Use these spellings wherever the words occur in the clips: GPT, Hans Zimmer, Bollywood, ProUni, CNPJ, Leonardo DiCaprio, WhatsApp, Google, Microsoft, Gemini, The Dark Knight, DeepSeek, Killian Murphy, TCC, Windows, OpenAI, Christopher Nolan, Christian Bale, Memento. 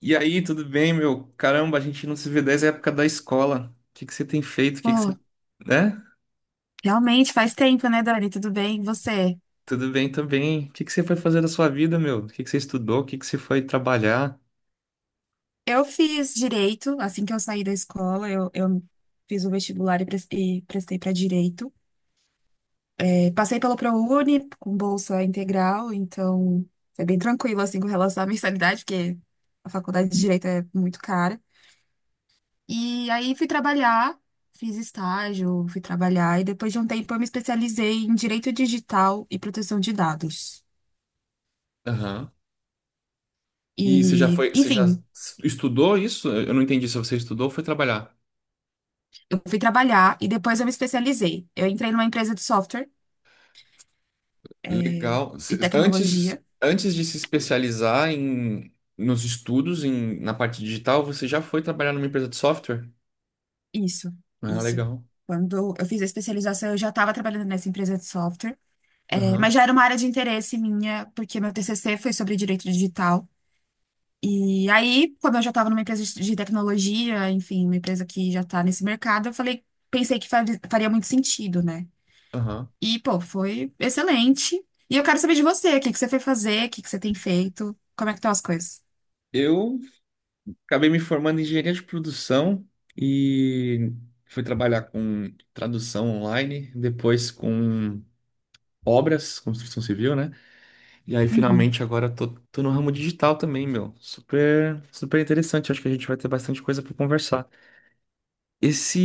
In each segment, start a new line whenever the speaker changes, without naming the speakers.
E aí, tudo bem, meu? Caramba, a gente não se vê desde a época da escola. O que que você tem feito? O que que você...
Pô,
Né?
realmente faz tempo, né, Dani? Tudo bem? E você?
Tudo bem também. O que que você foi fazer da sua vida, meu? O que que você estudou? O que que você foi trabalhar?
Eu fiz direito assim que eu saí da escola. Eu fiz o vestibular e prestei para direito. É, passei pelo ProUni com bolsa integral, então foi bem tranquilo assim com relação à mensalidade, porque a faculdade de direito é muito cara. E aí fui trabalhar, fiz estágio, fui trabalhar e depois de um tempo eu me especializei em direito digital e proteção de dados.
Aham. E você já
E,
foi, você já
enfim,
estudou isso? Eu não entendi se você estudou ou foi trabalhar.
eu fui trabalhar e depois eu me especializei. Eu entrei numa empresa de software
Legal.
e
Antes,
tecnologia.
antes de se especializar nos estudos, em, na parte digital, você já foi trabalhar numa empresa de software?
Isso,
Ah,
isso.
legal.
Quando eu fiz a especialização, eu já estava trabalhando nessa empresa de software. É, mas
Aham,
já era uma área de interesse minha, porque meu TCC foi sobre direito digital. E aí, como eu já estava numa empresa de tecnologia, enfim, uma empresa que já está nesse mercado, eu falei, pensei que faria muito sentido, né?
aham.
E, pô, foi excelente. E eu quero saber de você, o que que você foi fazer, o que que você tem feito, como é que estão as coisas?
Eu acabei me formando em engenharia de produção e fui trabalhar com tradução online, depois com obras, construção civil, né? E aí finalmente agora tô no ramo digital também, meu. Super, super interessante. Acho que a gente vai ter bastante coisa para conversar.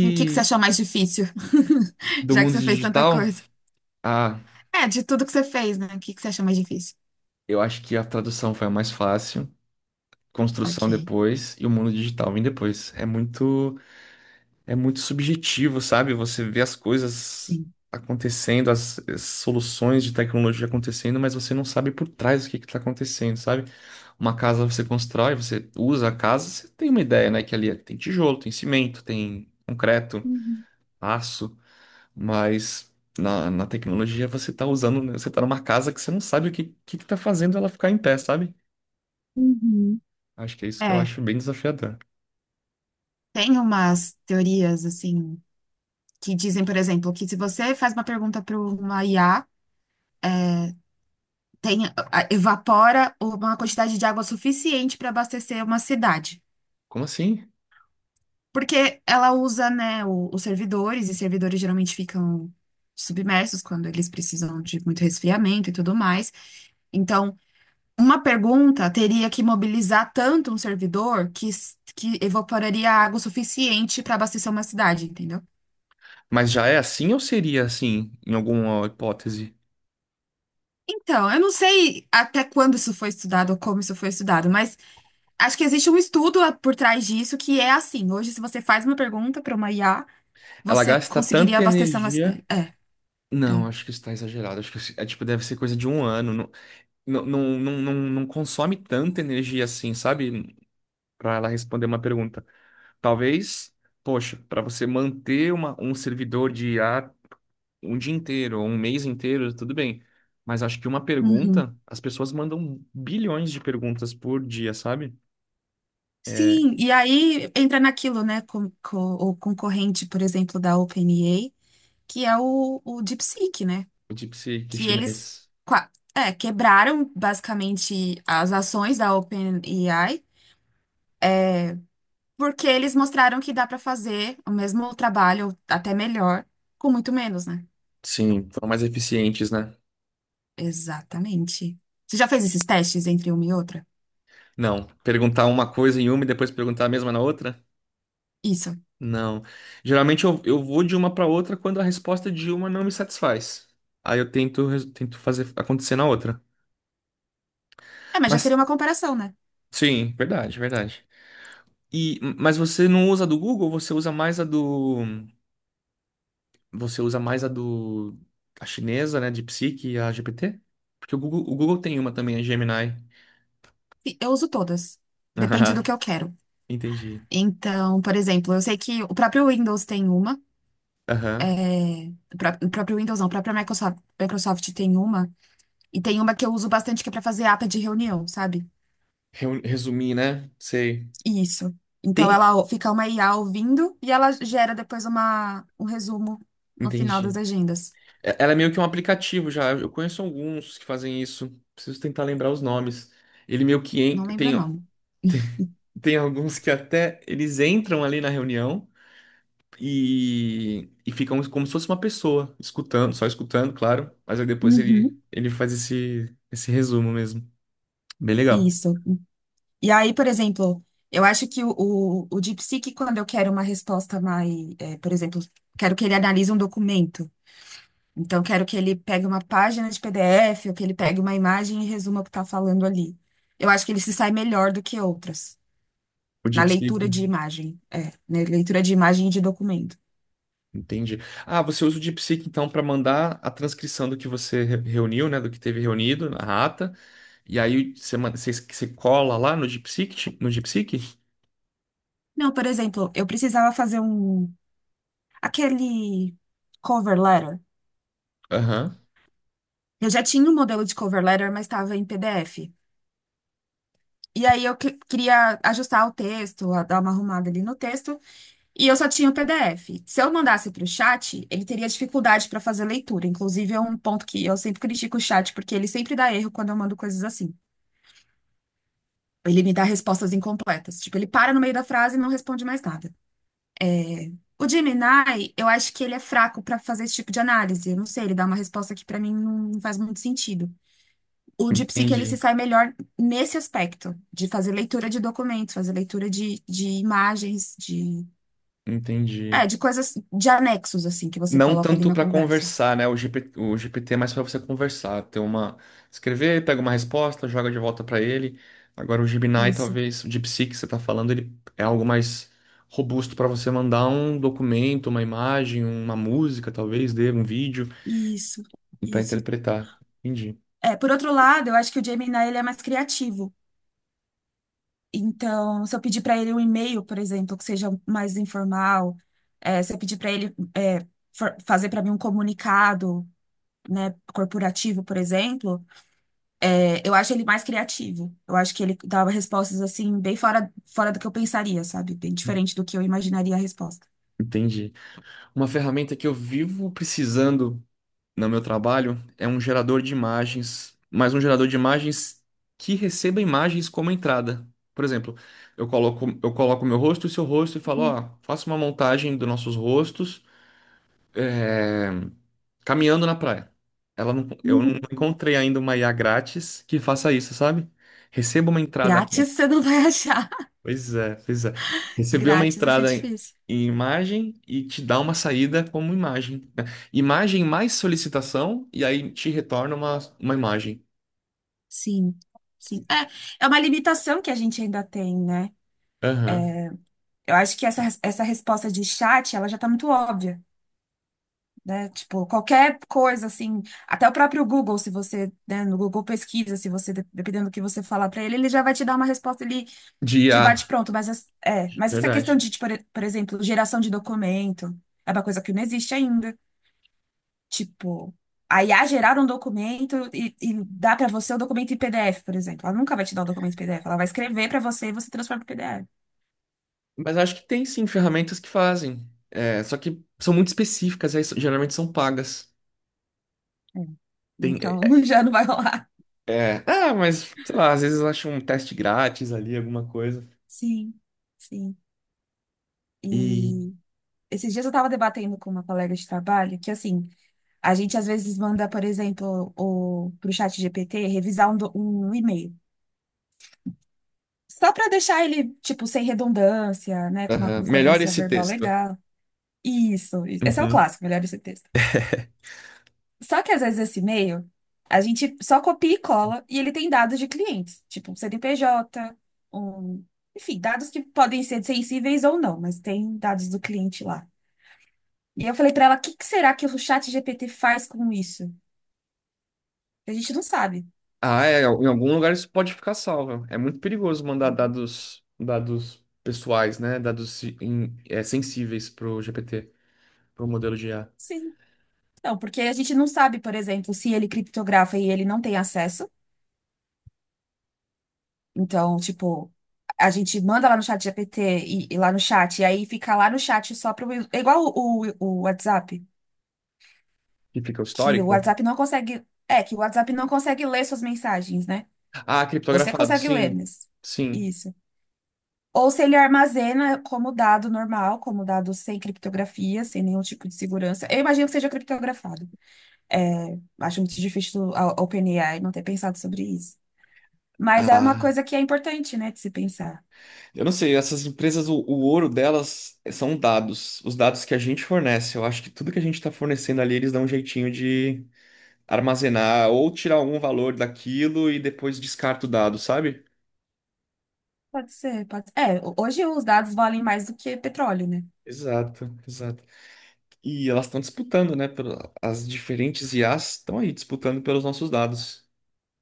E o que que você achou mais difícil?
do
Já que
mundo
você fez tanta
digital,
coisa.
ah,
É, de tudo que você fez, né? O que que você achou mais difícil?
eu acho que a tradução foi a mais fácil, construção
Ok,
depois e o mundo digital vem depois. É muito subjetivo, sabe? Você vê as coisas
sim.
acontecendo, as soluções de tecnologia acontecendo, mas você não sabe por trás o que está acontecendo, sabe? Uma casa você constrói, você usa a casa, você tem uma ideia, né? Que ali é, tem tijolo, tem cimento, tem concreto,
Uhum.
aço, mas na tecnologia você tá usando, né, você tá numa casa que você não sabe o que, que tá fazendo ela ficar em pé, sabe?
Uhum.
Acho que é isso que eu
É,
acho bem desafiador.
tem umas teorias assim que dizem, por exemplo, que se você faz uma pergunta para uma IA, é, tem, evapora uma quantidade de água suficiente para abastecer uma cidade.
Como assim?
Porque ela usa, né, os servidores, e servidores geralmente ficam submersos quando eles precisam de muito resfriamento e tudo mais. Então, uma pergunta teria que mobilizar tanto um servidor que, que evaporaria água o suficiente para abastecer uma cidade, entendeu?
Mas já é assim ou seria assim, em alguma hipótese?
Então, eu não sei até quando isso foi estudado ou como isso foi estudado, mas acho que existe um estudo por trás disso que é assim. Hoje, se você faz uma pergunta para uma IA,
Ela
você
gasta
conseguiria
tanta
abastecer uma
energia.
cidade. É, é.
Não, acho que isso tá exagerado. Acho que é tipo, deve ser coisa de um ano. Não, não, não, não, não não consome tanta energia assim, sabe? Pra ela responder uma pergunta. Talvez, poxa, pra você manter um servidor de ar um dia inteiro, ou um mês inteiro, tudo bem. Mas acho que uma
Uhum.
pergunta, as pessoas mandam bilhões de perguntas por dia, sabe? É,
Sim, e aí entra naquilo, né, com o concorrente, por exemplo, da OpenAI, que é o DeepSeek, né?
o DeepSeek
Que eles
chinês.
é, quebraram basicamente as ações da OpenAI, é, porque eles mostraram que dá para fazer o mesmo trabalho, ou até melhor, com muito menos, né?
Sim, foram mais eficientes, né?
Exatamente. Você já fez esses testes entre uma e outra?
Não, perguntar uma coisa em uma e depois perguntar a mesma na outra?
Isso.
Não. Geralmente eu vou de uma para outra quando a resposta de uma não me satisfaz. Aí eu tento, tento fazer acontecer na outra.
É, mas já seria
Mas,
uma comparação, né?
sim, verdade, verdade. E, mas você não usa a do Google, você usa mais a do. Você usa mais a do. A chinesa, né? De Psique e a GPT? Porque o Google tem uma também, a Gemini.
E eu uso todas. Depende do
Ah,
que eu quero.
entendi.
Então, por exemplo, eu sei que o próprio Windows tem uma.
Aham.
É, o o próprio Windows não, a própria Microsoft tem uma. E tem uma que eu uso bastante que é pra fazer ata de reunião, sabe?
Resumir, né? Sei.
Isso. Então
Tem.
ela fica uma IA ouvindo e ela gera depois uma, um resumo no final das
Entendi.
agendas.
Ela é meio que um aplicativo já. Eu conheço alguns que fazem isso. Preciso tentar lembrar os nomes. Ele meio que
Não lembro o
tem,
nome.
tem alguns que até eles entram ali na reunião e ficam como se fosse uma pessoa, escutando, só escutando, claro. Mas aí depois
Uhum.
ele faz esse resumo mesmo. Bem legal.
Isso. E aí, por exemplo, eu acho que o DeepSeek, quando eu quero uma resposta mais, é, por exemplo, quero que ele analise um documento. Então, quero que ele pegue uma página de PDF ou que ele pegue uma imagem e resuma o que está falando ali. Eu acho que ele se sai melhor do que outras.
O
Na
DeepSeek,
leitura de imagem, é, na leitura de imagem e de documento.
entendi. Ah, você usa o DeepSeek então para mandar a transcrição do que você reuniu, né? Do que teve reunido na ata. E aí você, você, você cola lá no DeepSeek, no DeepSeek?
Não, por exemplo, eu precisava fazer um, aquele cover letter.
Aham,
Eu já tinha um modelo de cover letter, mas estava em PDF. E aí eu queria ajustar o texto, dar uma arrumada ali no texto, e eu só tinha o PDF. Se eu mandasse para o chat, ele teria dificuldade para fazer leitura. Inclusive, é um ponto que eu sempre critico o chat, porque ele sempre dá erro quando eu mando coisas assim. Ele me dá respostas incompletas. Tipo, ele para no meio da frase e não responde mais nada. O Gemini, eu acho que ele é fraco pra fazer esse tipo de análise. Eu não sei, ele dá uma resposta que pra mim não faz muito sentido. O DeepSeek, ele se
entendi,
sai melhor nesse aspecto, de fazer leitura de documentos, fazer leitura de imagens, de,
entendi.
é, de coisas, de anexos, assim, que você
Não
coloca ali
tanto
na
para
conversa.
conversar, né? O GPT é mais para você conversar, ter uma, escrever, pega uma resposta, joga de volta para ele. Agora o Gemini,
Isso,
talvez, o DeepSeek que você está falando, ele é algo mais robusto para você mandar um documento, uma imagem, uma música, talvez, dê um vídeo
isso,
e para
isso.
interpretar. Entendi,
É, por outro lado, eu acho que o Gemini, ele é mais criativo. Então, se eu pedir para ele um e-mail, por exemplo, que seja mais informal, se eu pedir para ele fazer para mim um comunicado, né, corporativo, por exemplo, eu acho ele mais criativo. Eu acho que ele dava respostas assim bem fora, fora do que eu pensaria, sabe? Bem diferente do que eu imaginaria a resposta.
entendi. Uma ferramenta que eu vivo precisando no meu trabalho é um gerador de imagens, mas um gerador de imagens que receba imagens como entrada. Por exemplo, eu coloco meu rosto e seu rosto e falo, ó, faça uma montagem dos nossos rostos é, caminhando na praia. Ela não, eu não
Uhum.
encontrei ainda uma IA grátis que faça isso, sabe? Receba uma entrada,
Grátis você não vai achar.
pois é, pois é. Receber uma
Grátis vai ser
entrada em,
difícil.
em imagem e te dá uma saída como imagem, né? Imagem mais solicitação e aí te retorna uma imagem.
Sim, sim. É, é uma limitação que a gente ainda tem, né?
Aham.
Eu acho que essa resposta de chat, ela já tá muito óbvia, né? Tipo, qualquer coisa assim, até o próprio Google, se você, né, no Google pesquisa, se você, dependendo do que você falar para ele, ele já vai te dar uma resposta ali
De
de
IA,
bate-pronto. Mas, é, mas essa questão
verdade.
de, tipo, por exemplo, geração de documento, é uma coisa que não existe ainda. Tipo, a IA gerar um documento e dá para você o documento em PDF, por exemplo. Ela nunca vai te dar o documento em PDF, ela vai escrever para você e você transforma em PDF.
Mas acho que tem sim ferramentas que fazem. É, só que são muito específicas, aí geralmente são pagas.
É.
Tem,
Então, já não vai rolar.
é, é, ah, mas sei lá, às vezes eu acho um teste grátis ali, alguma coisa.
Sim, sim.
E
E esses dias eu estava debatendo com uma colega de trabalho que, assim, a gente às vezes manda, por exemplo, o, pro chat GPT revisar um, um e-mail. Só para deixar ele, tipo, sem redundância, né? Com uma
aham, melhora
concordância
esse
verbal
texto.
legal. Isso, isso. Esse é o
Uhum.
clássico, melhor esse texto. Só que às vezes esse e-mail, a gente só copia e cola e ele tem dados de clientes, tipo um CNPJ, um... enfim, dados que podem ser sensíveis ou não, mas tem dados do cliente lá. E eu falei para ela, o que que será que o chat GPT faz com isso? A gente não sabe.
Ah, é, em algum lugar isso pode ficar salvo. É muito perigoso mandar dados, dados pessoais, né? Dados é, sensíveis para o GPT, para o modelo de IA.
Sim. Não, porque a gente não sabe, por exemplo, se ele criptografa e ele não tem acesso. Então, tipo, a gente manda lá no chat GPT e lá no chat, e aí fica lá no chat só pro. É igual o WhatsApp,
Que fica o
que o
histórico?
WhatsApp não consegue. É, que o WhatsApp não consegue ler suas mensagens, né?
Ah,
Você
criptografado,
consegue ler,
sim.
mas.
Sim.
Isso. Ou se ele armazena como dado normal, como dado sem criptografia, sem nenhum tipo de segurança. Eu imagino que seja criptografado. É, acho muito difícil a OpenAI não ter pensado sobre isso. Mas é uma
Ah,
coisa que é importante, né, de se pensar.
eu não sei, essas empresas, o ouro delas são dados, os dados que a gente fornece. Eu acho que tudo que a gente está fornecendo ali, eles dão um jeitinho de armazenar ou tirar algum valor daquilo e depois descarta o dado, sabe?
Pode ser, pode ser. É, hoje os dados valem mais do que petróleo, né?
Exato, exato. E elas estão disputando, né? As diferentes IAs estão aí disputando pelos nossos dados.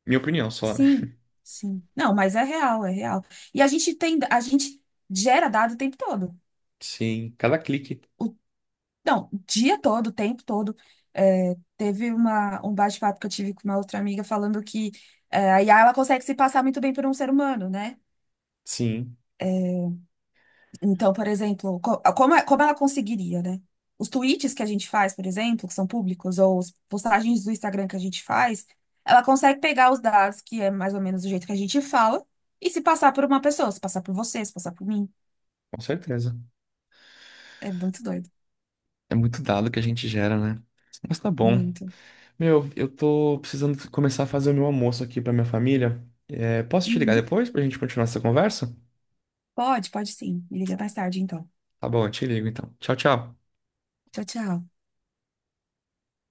Minha opinião só, né?
Sim, sim. Não, mas é real, é real. E a gente tem, a gente gera dado o tempo todo.
Sim, cada clique.
O, não, o dia todo, o tempo todo. É, teve uma, um bate-papo que eu tive com uma outra amiga falando que é, a IA ela consegue se passar muito bem por um ser humano, né?
Sim,
É, então, por exemplo, como ela conseguiria, né? Os tweets que a gente faz, por exemplo, que são públicos, ou as postagens do Instagram que a gente faz, ela consegue pegar os dados, que é mais ou menos o jeito que a gente fala, e se passar por uma pessoa, se passar por você, se passar por mim.
com certeza.
É muito doido.
É muito dado que a gente gera, né? Mas tá bom.
Muito.
Meu, eu tô precisando começar a fazer o meu almoço aqui pra minha família. É, posso te ligar
Uhum.
depois pra gente continuar essa conversa?
Pode, pode sim. Me liga mais tarde, então.
Tá bom, eu te ligo então. Tchau, tchau.
Tchau, tchau.